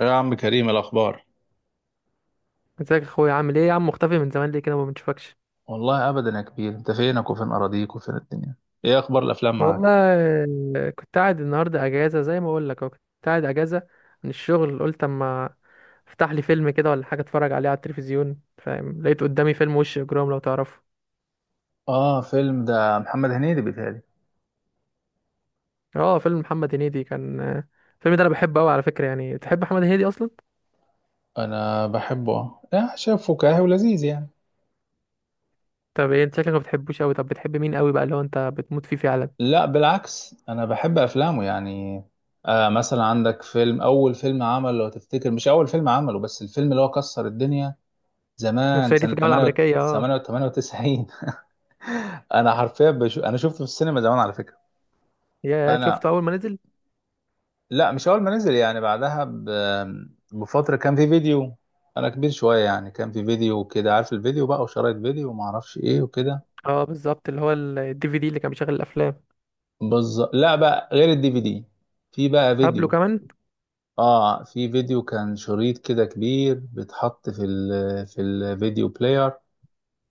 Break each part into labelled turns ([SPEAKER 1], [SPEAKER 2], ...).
[SPEAKER 1] يا عم كريم، الأخبار.
[SPEAKER 2] ازيك يا اخويا؟ عامل ايه يا عم؟ مختفي من زمان ليه كده؟ ما بنشوفكش.
[SPEAKER 1] والله ابدا يا كبير، انت فينك وفين اراضيك وفين الدنيا؟ إيه أخبار الأفلام
[SPEAKER 2] والله.
[SPEAKER 1] معاك؟
[SPEAKER 2] كنت قاعد النهارده اجازه، زي ما اقول لك أهو، كنت قاعد اجازه من الشغل. قلت اما افتح لي فيلم كده ولا حاجه اتفرج عليه على التلفزيون، فاهم. لقيت قدامي فيلم وش اجرام، لو تعرفه.
[SPEAKER 1] اه، فيلم ده محمد هنيدي بيتهيألي.
[SPEAKER 2] اه، فيلم محمد هنيدي. كان الفيلم ده انا بحبه قوي على فكره. يعني تحب محمد هنيدي اصلا؟
[SPEAKER 1] أنا بحبه، يعني شايف فكاهي ولذيذ يعني.
[SPEAKER 2] طب ايه؟ انت شكلك ما بتحبوش قوي. طب بتحب مين قوي بقى، اللي هو انت بتموت فيه فعلا؟
[SPEAKER 1] لا، بالعكس انا بحب افلامه يعني. مثلا عندك فيلم، اول فيلم عمل، لو تفتكر. مش اول فيلم عمله، بس الفيلم اللي هو كسر الدنيا
[SPEAKER 2] أنا
[SPEAKER 1] زمان،
[SPEAKER 2] صعيدي في
[SPEAKER 1] سنة
[SPEAKER 2] الجامعه الامريكيه، اه.
[SPEAKER 1] 98. انا حرفيا بشو... انا شفته في السينما زمان على فكرة.
[SPEAKER 2] يا، شفته
[SPEAKER 1] انا
[SPEAKER 2] اول ما نزل.
[SPEAKER 1] لا، مش اول ما نزل، يعني بعدها بفتره كان في فيديو. انا كبير شويه، يعني كان في فيديو كده، عارف الفيديو بقى، وشرايط فيديو وما اعرفش ايه وكده.
[SPEAKER 2] اه، بالظبط، اللي هو الدي في دي اللي كان بيشغل الافلام.
[SPEAKER 1] بالظبط، لا بقى، غير الـDVD. في بقى
[SPEAKER 2] قبله
[SPEAKER 1] فيديو.
[SPEAKER 2] كمان.
[SPEAKER 1] اه، في فيديو كان شريط كده كبير، بيتحط في في الفيديو بلاير،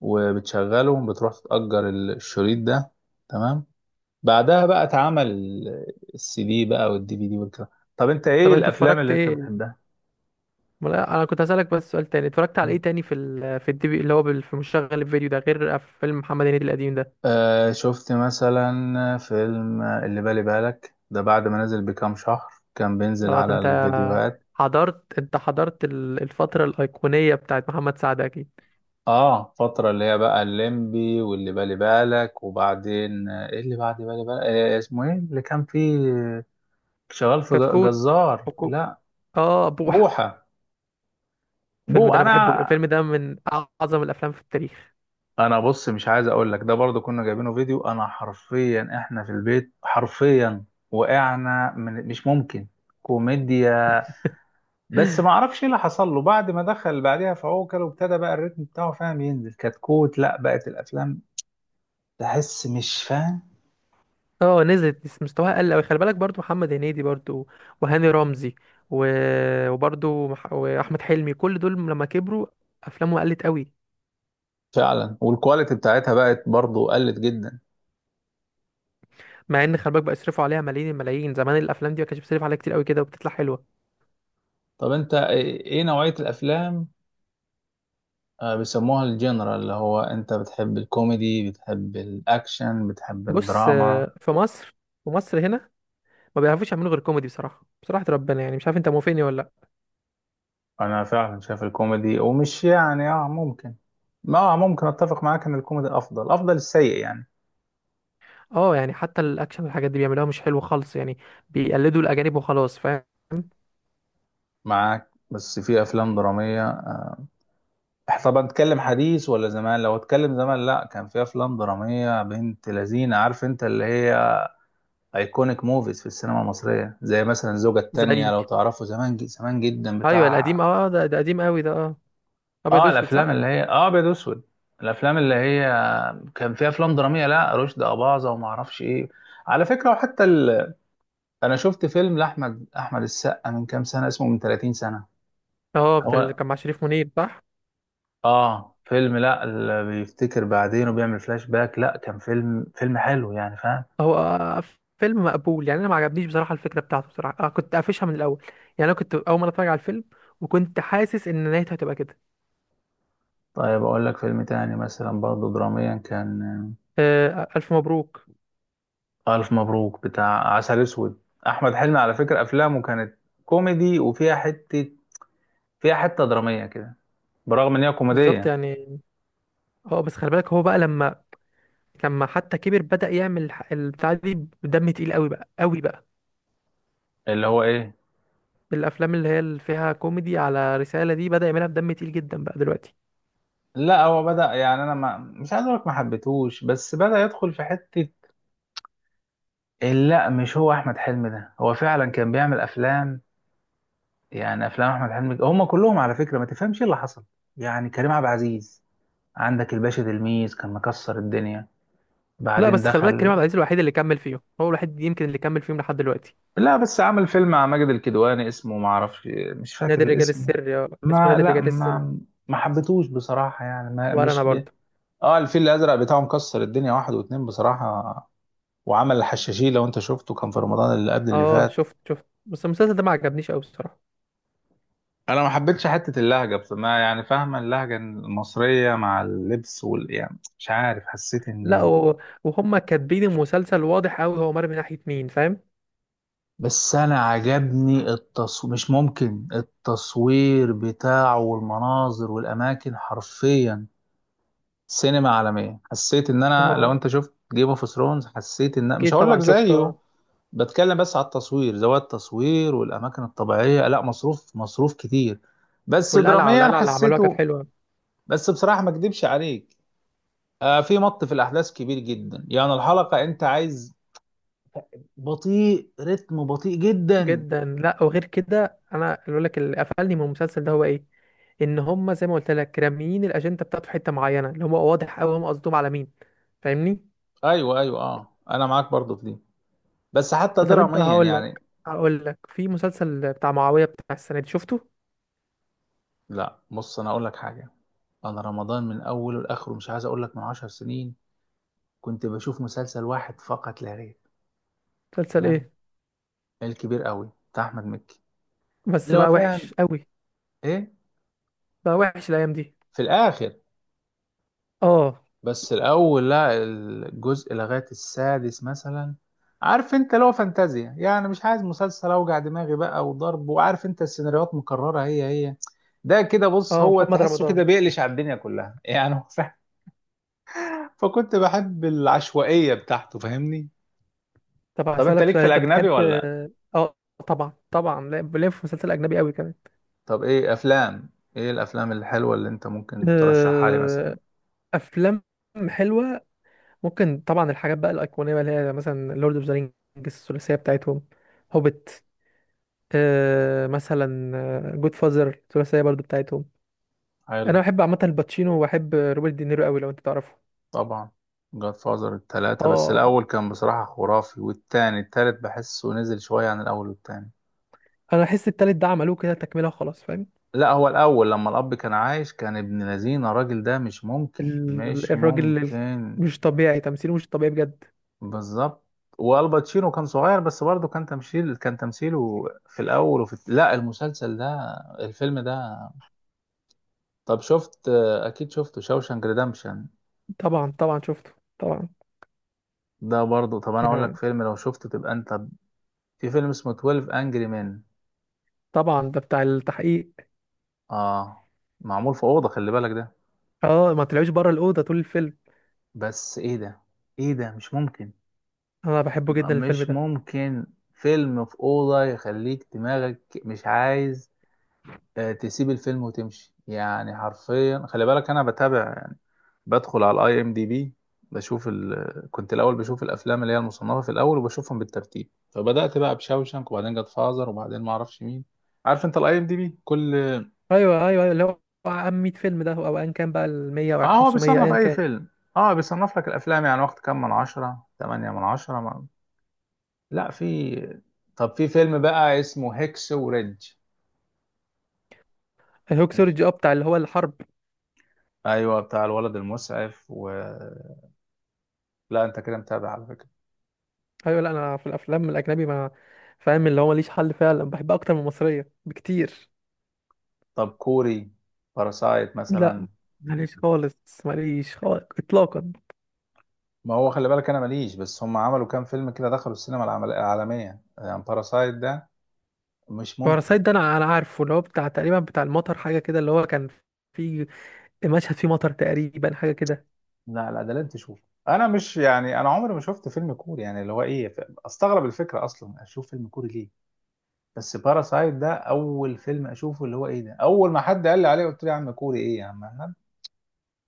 [SPEAKER 1] وبتشغله، بتروح تتأجر الشريط ده. تمام. بعدها بقى اتعمل الـCD بقى، والدي في دي والكلام. طب انت ايه
[SPEAKER 2] طب انت
[SPEAKER 1] الافلام
[SPEAKER 2] اتفرجت
[SPEAKER 1] اللي انت
[SPEAKER 2] ايه؟
[SPEAKER 1] بتحبها؟
[SPEAKER 2] ما لا، انا كنت هسألك بس سؤال تاني. اتفرجت على ايه تاني في في الدي في، اللي هو في مشغل الفيديو ده، غير فيلم محمد هنيدي القديم ده؟
[SPEAKER 1] شفت مثلا فيلم اللي بالي بالك ده، بعد ما نزل بكام شهر كان بينزل
[SPEAKER 2] اه، ده
[SPEAKER 1] على
[SPEAKER 2] انت
[SPEAKER 1] الفيديوهات.
[SPEAKER 2] حضرت الفترة الأيقونية بتاعت محمد سعد، اكيد.
[SPEAKER 1] اه، فترة اللي هي بقى الليمبي، واللي بالي بالك، وبعدين ايه اللي بعد بالي بالك؟ اسمه ايه اللي كان فيه شغال في
[SPEAKER 2] كتكوت.
[SPEAKER 1] جزار؟
[SPEAKER 2] كتكوت.
[SPEAKER 1] لا.
[SPEAKER 2] اه، بوحة.
[SPEAKER 1] بوحة.
[SPEAKER 2] الفيلم ده انا
[SPEAKER 1] انا،
[SPEAKER 2] بحبه جدا. الفيلم ده من اعظم الافلام في التاريخ.
[SPEAKER 1] انا بص، مش عايز اقول لك، ده برضو كنا جايبينه فيديو، انا حرفيا احنا في البيت حرفيا وقعنا من، مش ممكن، كوميديا. بس ما اعرفش ايه اللي حصل له بعد ما دخل بعدها في عوكل، وابتدى بقى الريتم بتاعه، فاهم، ينزل كتكوت، لا بقت الافلام تحس مش فاهم.
[SPEAKER 2] اه، نزلت بس مستواها قل قوي. خلي بالك، برضو محمد هنيدي، برضو وهاني رمزي و... وبرضو واحمد حلمي، كل دول لما كبروا افلامهم قلت قوي.
[SPEAKER 1] فعلا، والكواليتي بتاعتها بقت برضو قلت جدا.
[SPEAKER 2] مع ان خلي بالك بقى يصرفوا عليها ملايين الملايين، زمان الافلام دي ما كانش بيصرف عليها كتير قوي كده وبتطلع حلوه.
[SPEAKER 1] طب انت ايه، نوعية الافلام، بيسموها الجنرال، اللي هو انت بتحب الكوميدي، بتحب الاكشن، بتحب
[SPEAKER 2] بص،
[SPEAKER 1] الدراما؟
[SPEAKER 2] في مصر هنا ما بيعرفوش يعملوا غير كوميدي، بصراحه بصراحه ربنا. يعني مش عارف، انت موافقني ولا لا؟
[SPEAKER 1] انا فعلا شايف الكوميدي، ومش يعني، ممكن ما آه، ممكن اتفق معاك ان الكوميدي افضل، افضل السيء يعني.
[SPEAKER 2] اه، يعني حتى الاكشن والحاجات دي بيعملوها مش حلوه خالص. يعني بيقلدوا الاجانب وخلاص، فاهم.
[SPEAKER 1] معاك، بس في افلام درامية. طب هنتكلم حديث ولا زمان؟ لو اتكلم زمان، لا كان في افلام دراميه بنت لذينه، عارف انت، اللي هي ايكونيك موفيز في السينما المصريه، زي مثلا الزوجه
[SPEAKER 2] زي،
[SPEAKER 1] التانية لو تعرفوا، زمان زمان جدا،
[SPEAKER 2] ايوه، القديم،
[SPEAKER 1] بتاع
[SPEAKER 2] اه، ده قديم قوي ده، اه، ابيض
[SPEAKER 1] اه
[SPEAKER 2] واسود،
[SPEAKER 1] الافلام
[SPEAKER 2] صح؟
[SPEAKER 1] اللي هي اه ابيض واسود. الافلام اللي هي كان فيها افلام دراميه، لا رشدي اباظه وما اعرفش ايه، على فكره. انا شفت فيلم لاحمد، احمد السقا، من كام سنه، اسمه من 30 سنه.
[SPEAKER 2] اه، بتاع اللي
[SPEAKER 1] هو،
[SPEAKER 2] كان مع شريف منير، صح؟
[SPEAKER 1] اه فيلم، لا، اللي بيفتكر بعدين وبيعمل فلاش باك، لا كان فيلم، حلو يعني، فاهم.
[SPEAKER 2] هو فيلم مقبول يعني، انا ما عجبنيش بصراحه. الفكره بتاعته بصراحه، كنت قافشها من الاول. يعني انا كنت اول مره اتفرج على الفيلم وكنت حاسس ان نهايته هتبقى كده.
[SPEAKER 1] طيب اقول لك فيلم تاني مثلا برضه دراميا كان،
[SPEAKER 2] ألف مبروك.
[SPEAKER 1] الف مبروك، بتاع عسل اسود. احمد حلمي على فكرة افلامه كانت كوميدي وفيها حتة، فيها حتة درامية كده، برغم ان هي
[SPEAKER 2] بالظبط
[SPEAKER 1] كوميدية.
[SPEAKER 2] يعني. اه بس خلي بالك، هو بقى لما حتى كبر بدأ يعمل البتاع دي بدم تقيل قوي بقى، قوي بقى.
[SPEAKER 1] اللي هو ايه؟
[SPEAKER 2] الأفلام اللي هي اللي فيها كوميدي على رسالة دي بدأ يعملها بدم تقيل جدا بقى دلوقتي.
[SPEAKER 1] لا، هو بدأ يعني انا، ما، مش عايز اقول لك ما حبيتهوش، بس بدأ يدخل في حتة لا، مش هو احمد حلمي، ده هو فعلا كان بيعمل افلام، يعني افلام احمد حلمي هم كلهم على فكره، ما تفهمش ايه اللي حصل. يعني كريم عبد العزيز، عندك الباشا تلميذ كان مكسر الدنيا،
[SPEAKER 2] لا
[SPEAKER 1] بعدين
[SPEAKER 2] بس خلي بالك، كريم
[SPEAKER 1] دخل.
[SPEAKER 2] عبد العزيز الوحيد اللي كمل فيهم. هو الوحيد يمكن اللي كمل فيهم لحد دلوقتي.
[SPEAKER 1] لا بس عمل فيلم مع ماجد الكدواني اسمه ما اعرفش، مش فاكر
[SPEAKER 2] نادي الرجال
[SPEAKER 1] الاسم.
[SPEAKER 2] السري. اه، اسمه
[SPEAKER 1] ما،
[SPEAKER 2] نادي
[SPEAKER 1] لا،
[SPEAKER 2] الرجال السري.
[SPEAKER 1] ما حبيتهوش بصراحه يعني، ما،
[SPEAKER 2] ولا أنا
[SPEAKER 1] مش ب...
[SPEAKER 2] برضه.
[SPEAKER 1] اه، الفيل الازرق بتاعه مكسر الدنيا، واحد واتنين بصراحه. وعمل الحشاشين لو انت شفته، كان في رمضان اللي قبل اللي
[SPEAKER 2] اه
[SPEAKER 1] فات.
[SPEAKER 2] شفت بس المسلسل ده ما عجبنيش قوي، الصراحة.
[SPEAKER 1] انا ما حبيتش حته اللهجه، بس ما يعني فاهمه اللهجه المصريه مع اللبس يعني، مش عارف، حسيت
[SPEAKER 2] لا
[SPEAKER 1] اني،
[SPEAKER 2] وهم كاتبين المسلسل، واضح قوي هو مر من ناحية مين، فاهم.
[SPEAKER 1] بس انا عجبني التصوير، مش ممكن التصوير بتاعه والمناظر والاماكن حرفيا. سينما عالميه، حسيت ان انا لو
[SPEAKER 2] اه،
[SPEAKER 1] انت شفت جيم اوف ثرونز، حسيت ان، مش
[SPEAKER 2] أكيد
[SPEAKER 1] هقول لك
[SPEAKER 2] طبعا
[SPEAKER 1] زيه،
[SPEAKER 2] شفته.
[SPEAKER 1] بتكلم بس على التصوير، زوايا التصوير والاماكن الطبيعيه، لا مصروف مصروف كتير، بس
[SPEAKER 2] والقلعه
[SPEAKER 1] دراميا
[SPEAKER 2] والقلعه اللي عملوها كانت
[SPEAKER 1] حسيته.
[SPEAKER 2] حلوه
[SPEAKER 1] بس بصراحه ما اكدبش عليك، في الأحداث كبير جدا يعني، الحلقة أنت عايز، رتم بطيء جدا.
[SPEAKER 2] جدا. لا، وغير كده انا اللي بقول لك، اللي قفلني من المسلسل ده هو ايه؟ ان هم، زي ما قلت لك، راميين الاجنده بتاعته في حته معينه، اللي هو واضح قوي هم قصدهم على مين، فاهمني؟
[SPEAKER 1] أيوه، أيوه، أنا معاك برضو في دي، بس حتى
[SPEAKER 2] طب انت،
[SPEAKER 1] دراميا
[SPEAKER 2] هقول لك
[SPEAKER 1] يعني.
[SPEAKER 2] هقول لك في مسلسل بتاع معاويه بتاع السنه دي، شفته؟
[SPEAKER 1] لا، بص أنا أقول لك حاجة. أنا رمضان من أوله لآخره، مش عايز أقول لك من 10 سنين، كنت بشوف مسلسل واحد فقط لا غير.
[SPEAKER 2] مسلسل
[SPEAKER 1] تمام.
[SPEAKER 2] ايه؟
[SPEAKER 1] الكبير قوي بتاع أحمد مكي،
[SPEAKER 2] بس
[SPEAKER 1] اللي هو،
[SPEAKER 2] بقى
[SPEAKER 1] فاهم،
[SPEAKER 2] وحش قوي.
[SPEAKER 1] إيه
[SPEAKER 2] بقى وحش الايام دي.
[SPEAKER 1] في الآخر.
[SPEAKER 2] اه.
[SPEAKER 1] بس الأول، لا، الجزء لغاية السادس مثلا، عارف انت، لو فانتازيا يعني، مش عايز مسلسل اوجع دماغي بقى وضرب، وعارف انت السيناريوهات مكررة هي هي، ده كده، بص
[SPEAKER 2] اه،
[SPEAKER 1] هو
[SPEAKER 2] محمد
[SPEAKER 1] تحسه كده
[SPEAKER 2] رمضان.
[SPEAKER 1] بيقلش على الدنيا كلها يعني، هو فاهم، فكنت بحب العشوائية بتاعته فاهمني.
[SPEAKER 2] طب
[SPEAKER 1] طب انت
[SPEAKER 2] هسألك
[SPEAKER 1] ليك
[SPEAKER 2] سؤال،
[SPEAKER 1] في
[SPEAKER 2] انت
[SPEAKER 1] الأجنبي
[SPEAKER 2] بتحب؟
[SPEAKER 1] ولا لأ؟
[SPEAKER 2] اه، طبعا طبعا. بلف في مسلسل اجنبي قوي كمان.
[SPEAKER 1] طب ايه أفلام، ايه الأفلام الحلوة اللي انت ممكن ترشحها لي مثلا؟
[SPEAKER 2] آه، افلام حلوه ممكن طبعا. الحاجات بقى الأيقونية بقى، اللي هي مثلا لورد اوف ذا رينجز، الثلاثية بتاعتهم، هوبت، مثلا جود فازر، الثلاثية برضو بتاعتهم. أنا
[SPEAKER 1] حلو.
[SPEAKER 2] بحب عامة الباتشينو، وبحب روبرت دينيرو قوي لو أنت تعرفه.
[SPEAKER 1] طبعا. جاد فازر التلاتة، بس
[SPEAKER 2] اه،
[SPEAKER 1] الأول كان بصراحة خرافي، والتاني التالت بحسه نزل شوية عن الأول والتاني.
[SPEAKER 2] أنا أحس التالت ده عملوه كده تكملة خلاص، فاهم.
[SPEAKER 1] لا، هو الأول لما الأب كان عايش كان ابن لذينة، الراجل ده مش ممكن، مش
[SPEAKER 2] الراجل
[SPEAKER 1] ممكن.
[SPEAKER 2] مش طبيعي تمثيله، مش طبيعي بجد.
[SPEAKER 1] بالظبط. والباتشينو كان صغير بس برضه كان تمثيله في الأول، وفي، لا، المسلسل ده، الفيلم ده. طب شفت، أكيد شفته، شوشانك ريدمشن؟
[SPEAKER 2] طبعا، طبعا شفته، طبعا.
[SPEAKER 1] ده برضه. طب أنا أقول لك
[SPEAKER 2] آه،
[SPEAKER 1] فيلم لو شفته تبقى أنت، في فيلم اسمه 12 أنجري مان.
[SPEAKER 2] طبعا، ده بتاع التحقيق.
[SPEAKER 1] اه، معمول في اوضه، خلي بالك ده.
[SPEAKER 2] اه، ما طلعوش بره الأوضة طول الفيلم.
[SPEAKER 1] بس ايه ده، ايه ده، مش ممكن،
[SPEAKER 2] أنا بحبه جدا الفيلم
[SPEAKER 1] مش
[SPEAKER 2] ده.
[SPEAKER 1] ممكن. فيلم في اوضه يخليك دماغك مش عايز، تسيب الفيلم وتمشي، يعني حرفيا خلي بالك انا بتابع يعني، بدخل على الـIMDb، كنت الاول بشوف الافلام اللي هي المصنفه في الاول، وبشوفهم بالترتيب، فبدات بقى بشاوشنك، وبعدين جت فازر، وبعدين ما اعرفش مين، عارف انت الـIMDb، كل
[SPEAKER 2] ايوه، ايوه، أيوه، اللي هو عام 100 فيلم ده او ايا كان بقى ال 100 او
[SPEAKER 1] اه هو
[SPEAKER 2] 500
[SPEAKER 1] بيصنف
[SPEAKER 2] ايا
[SPEAKER 1] اي
[SPEAKER 2] كان.
[SPEAKER 1] فيلم. اه بيصنف لك الافلام يعني، واخد كام من عشرة، 8/10، ما... لا في، طب في فيلم بقى اسمه هيكس وريدج. ماشي.
[SPEAKER 2] الهوكسولوجي، اه، بتاع اللي هو الحرب.
[SPEAKER 1] ايوه، بتاع الولد المسعف لا انت كده متابع على فكرة.
[SPEAKER 2] ايوه، لا انا في الافلام الاجنبي، ما، فاهم، اللي هو ماليش حل فعلا. بحبها اكتر من المصريه بكتير.
[SPEAKER 1] طب كوري، باراسايت
[SPEAKER 2] لا،
[SPEAKER 1] مثلا.
[SPEAKER 2] ماليش خالص، ماليش خالص اطلاقا.
[SPEAKER 1] ما هو خلي بالك، انا ماليش، بس هم عملوا كام فيلم كده دخلوا السينما العالمية، يعني باراسايت ده مش ممكن.
[SPEAKER 2] باراسايت ده انا عارفه، اللي هو بتاع تقريبا، بتاع المطر حاجه كده، اللي هو كان في مشهد فيه مطر تقريبا، حاجه كده.
[SPEAKER 1] لا لا، ده لازم تشوفه. انا مش يعني انا عمري ما شفت فيلم كوري، يعني اللي هو ايه، استغرب الفكرة اصلا اشوف فيلم كوري ليه. بس باراسايت ده اول فيلم اشوفه اللي هو ايه، ده اول ما حد قال لي عليه قلت له يا عم، كوري ايه يا عم أحمد؟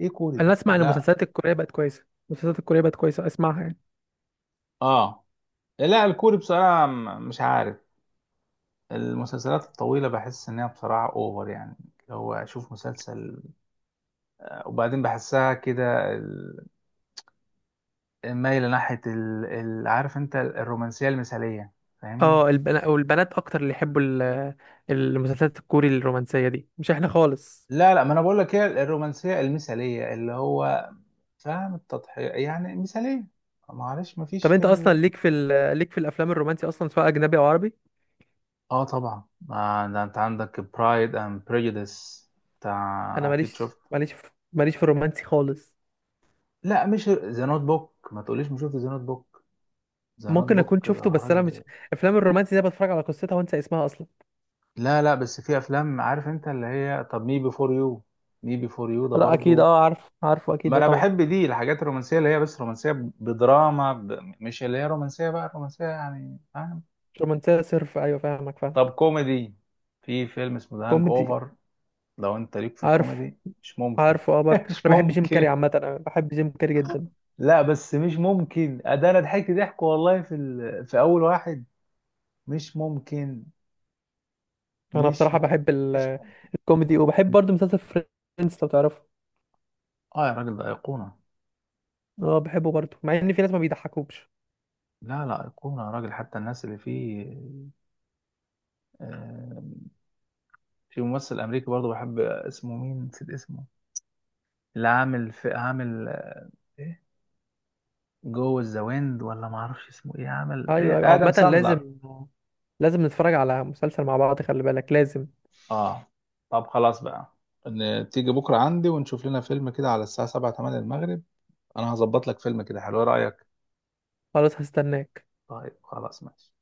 [SPEAKER 1] ايه كوري ده؟
[SPEAKER 2] انا اسمع ان
[SPEAKER 1] لا.
[SPEAKER 2] المسلسلات الكوريه بقت كويسه. المسلسلات الكوريه بقت كويسه، اسمعها يعني.
[SPEAKER 1] اه. لا الكوري بصراحه مش عارف، المسلسلات الطويله بحس انها بصراحه اوفر يعني، اللي هو اشوف مسلسل وبعدين بحسها كده مايله ناحيه عارف انت الرومانسيه المثاليه، فاهمني؟
[SPEAKER 2] اه، البنات او البنات اكتر اللي يحبوا المسلسلات الكوري الرومانسيه دي، مش احنا خالص.
[SPEAKER 1] لا لا، ما انا بقول لك هي الرومانسيه المثاليه، اللي هو فاهم، التضحيه يعني مثاليه، معلش، ما فيش
[SPEAKER 2] طب
[SPEAKER 1] في
[SPEAKER 2] انت اصلا
[SPEAKER 1] ال...
[SPEAKER 2] ليك في الافلام الرومانسي اصلا، سواء اجنبي او عربي؟
[SPEAKER 1] اه، طبعا. ده انت عندك برايد اند بريجوديس
[SPEAKER 2] انا
[SPEAKER 1] بتاع، اكيد
[SPEAKER 2] ماليش
[SPEAKER 1] شفت.
[SPEAKER 2] ماليش في ماليش في الرومانسي خالص.
[SPEAKER 1] لا، مش ذا نوت بوك، ما تقوليش ما شفت ذا نوت بوك، ذا نوت
[SPEAKER 2] ممكن اكون
[SPEAKER 1] بوك ده
[SPEAKER 2] شفته، بس انا مش.
[SPEAKER 1] راجل.
[SPEAKER 2] افلام الرومانسي دي بتفرج على قصتها وانسى اسمها اصلا.
[SPEAKER 1] لا لا، بس في افلام، عارف انت اللي هي، طب مي بيفور يو، مي بيفور يو ده
[SPEAKER 2] لا، اكيد،
[SPEAKER 1] برضو،
[SPEAKER 2] اه عارف، عارفه اكيد
[SPEAKER 1] ما
[SPEAKER 2] ده
[SPEAKER 1] انا
[SPEAKER 2] طبعا.
[SPEAKER 1] بحب دي الحاجات الرومانسيه، اللي هي بس رومانسيه بدراما ب... مش اللي هي رومانسيه بقى رومانسيه يعني، فاهم.
[SPEAKER 2] مش رومانسيه صرف، ايوه فاهمك، فاهم.
[SPEAKER 1] طب كوميدي، في فيلم اسمه ذا هانج
[SPEAKER 2] كوميدي.
[SPEAKER 1] اوفر، لو انت ليك في
[SPEAKER 2] عارف،
[SPEAKER 1] الكوميدي مش ممكن.
[SPEAKER 2] عارفه. اه برضه
[SPEAKER 1] مش
[SPEAKER 2] انا بحب جيم كاري
[SPEAKER 1] ممكن،
[SPEAKER 2] عامه، انا بحب جيم كاري جدا.
[SPEAKER 1] لا، بس مش ممكن ده، انا ضحكت ضحك والله في ال... في اول واحد، مش ممكن،
[SPEAKER 2] انا
[SPEAKER 1] مش
[SPEAKER 2] بصراحه بحب
[SPEAKER 1] ممكن، مش ممكن.
[SPEAKER 2] الكوميدي، وبحب برضه مسلسل فريندز، لو تعرفه.
[SPEAKER 1] اه، يا راجل ده ايقونه.
[SPEAKER 2] اه، بحبه برضه، مع ان في ناس ما بيضحكوش.
[SPEAKER 1] لا لا، ايقونه يا راجل، حتى الناس اللي فيه. آه في ممثل امريكي برضه بحب اسمه، مين، نسيت اسمه، اللي عامل في، عامل ايه، جو ذا ويند، ولا ما اعرفش اسمه ايه، عامل
[SPEAKER 2] ايوه،
[SPEAKER 1] ايه،
[SPEAKER 2] ايوه،
[SPEAKER 1] ادم
[SPEAKER 2] عامة لازم،
[SPEAKER 1] ساندلر.
[SPEAKER 2] لازم نتفرج على مسلسل مع بعض خلي بالك، لازم.
[SPEAKER 1] اه، طب خلاص بقى، ان تيجي بكره عندي ونشوف لنا فيلم كده على الساعه 7 8 المغرب، انا هظبط لك فيلم كده حلو. ايه رايك؟
[SPEAKER 2] خلاص، هستناك.
[SPEAKER 1] طيب، خلاص، ماشي.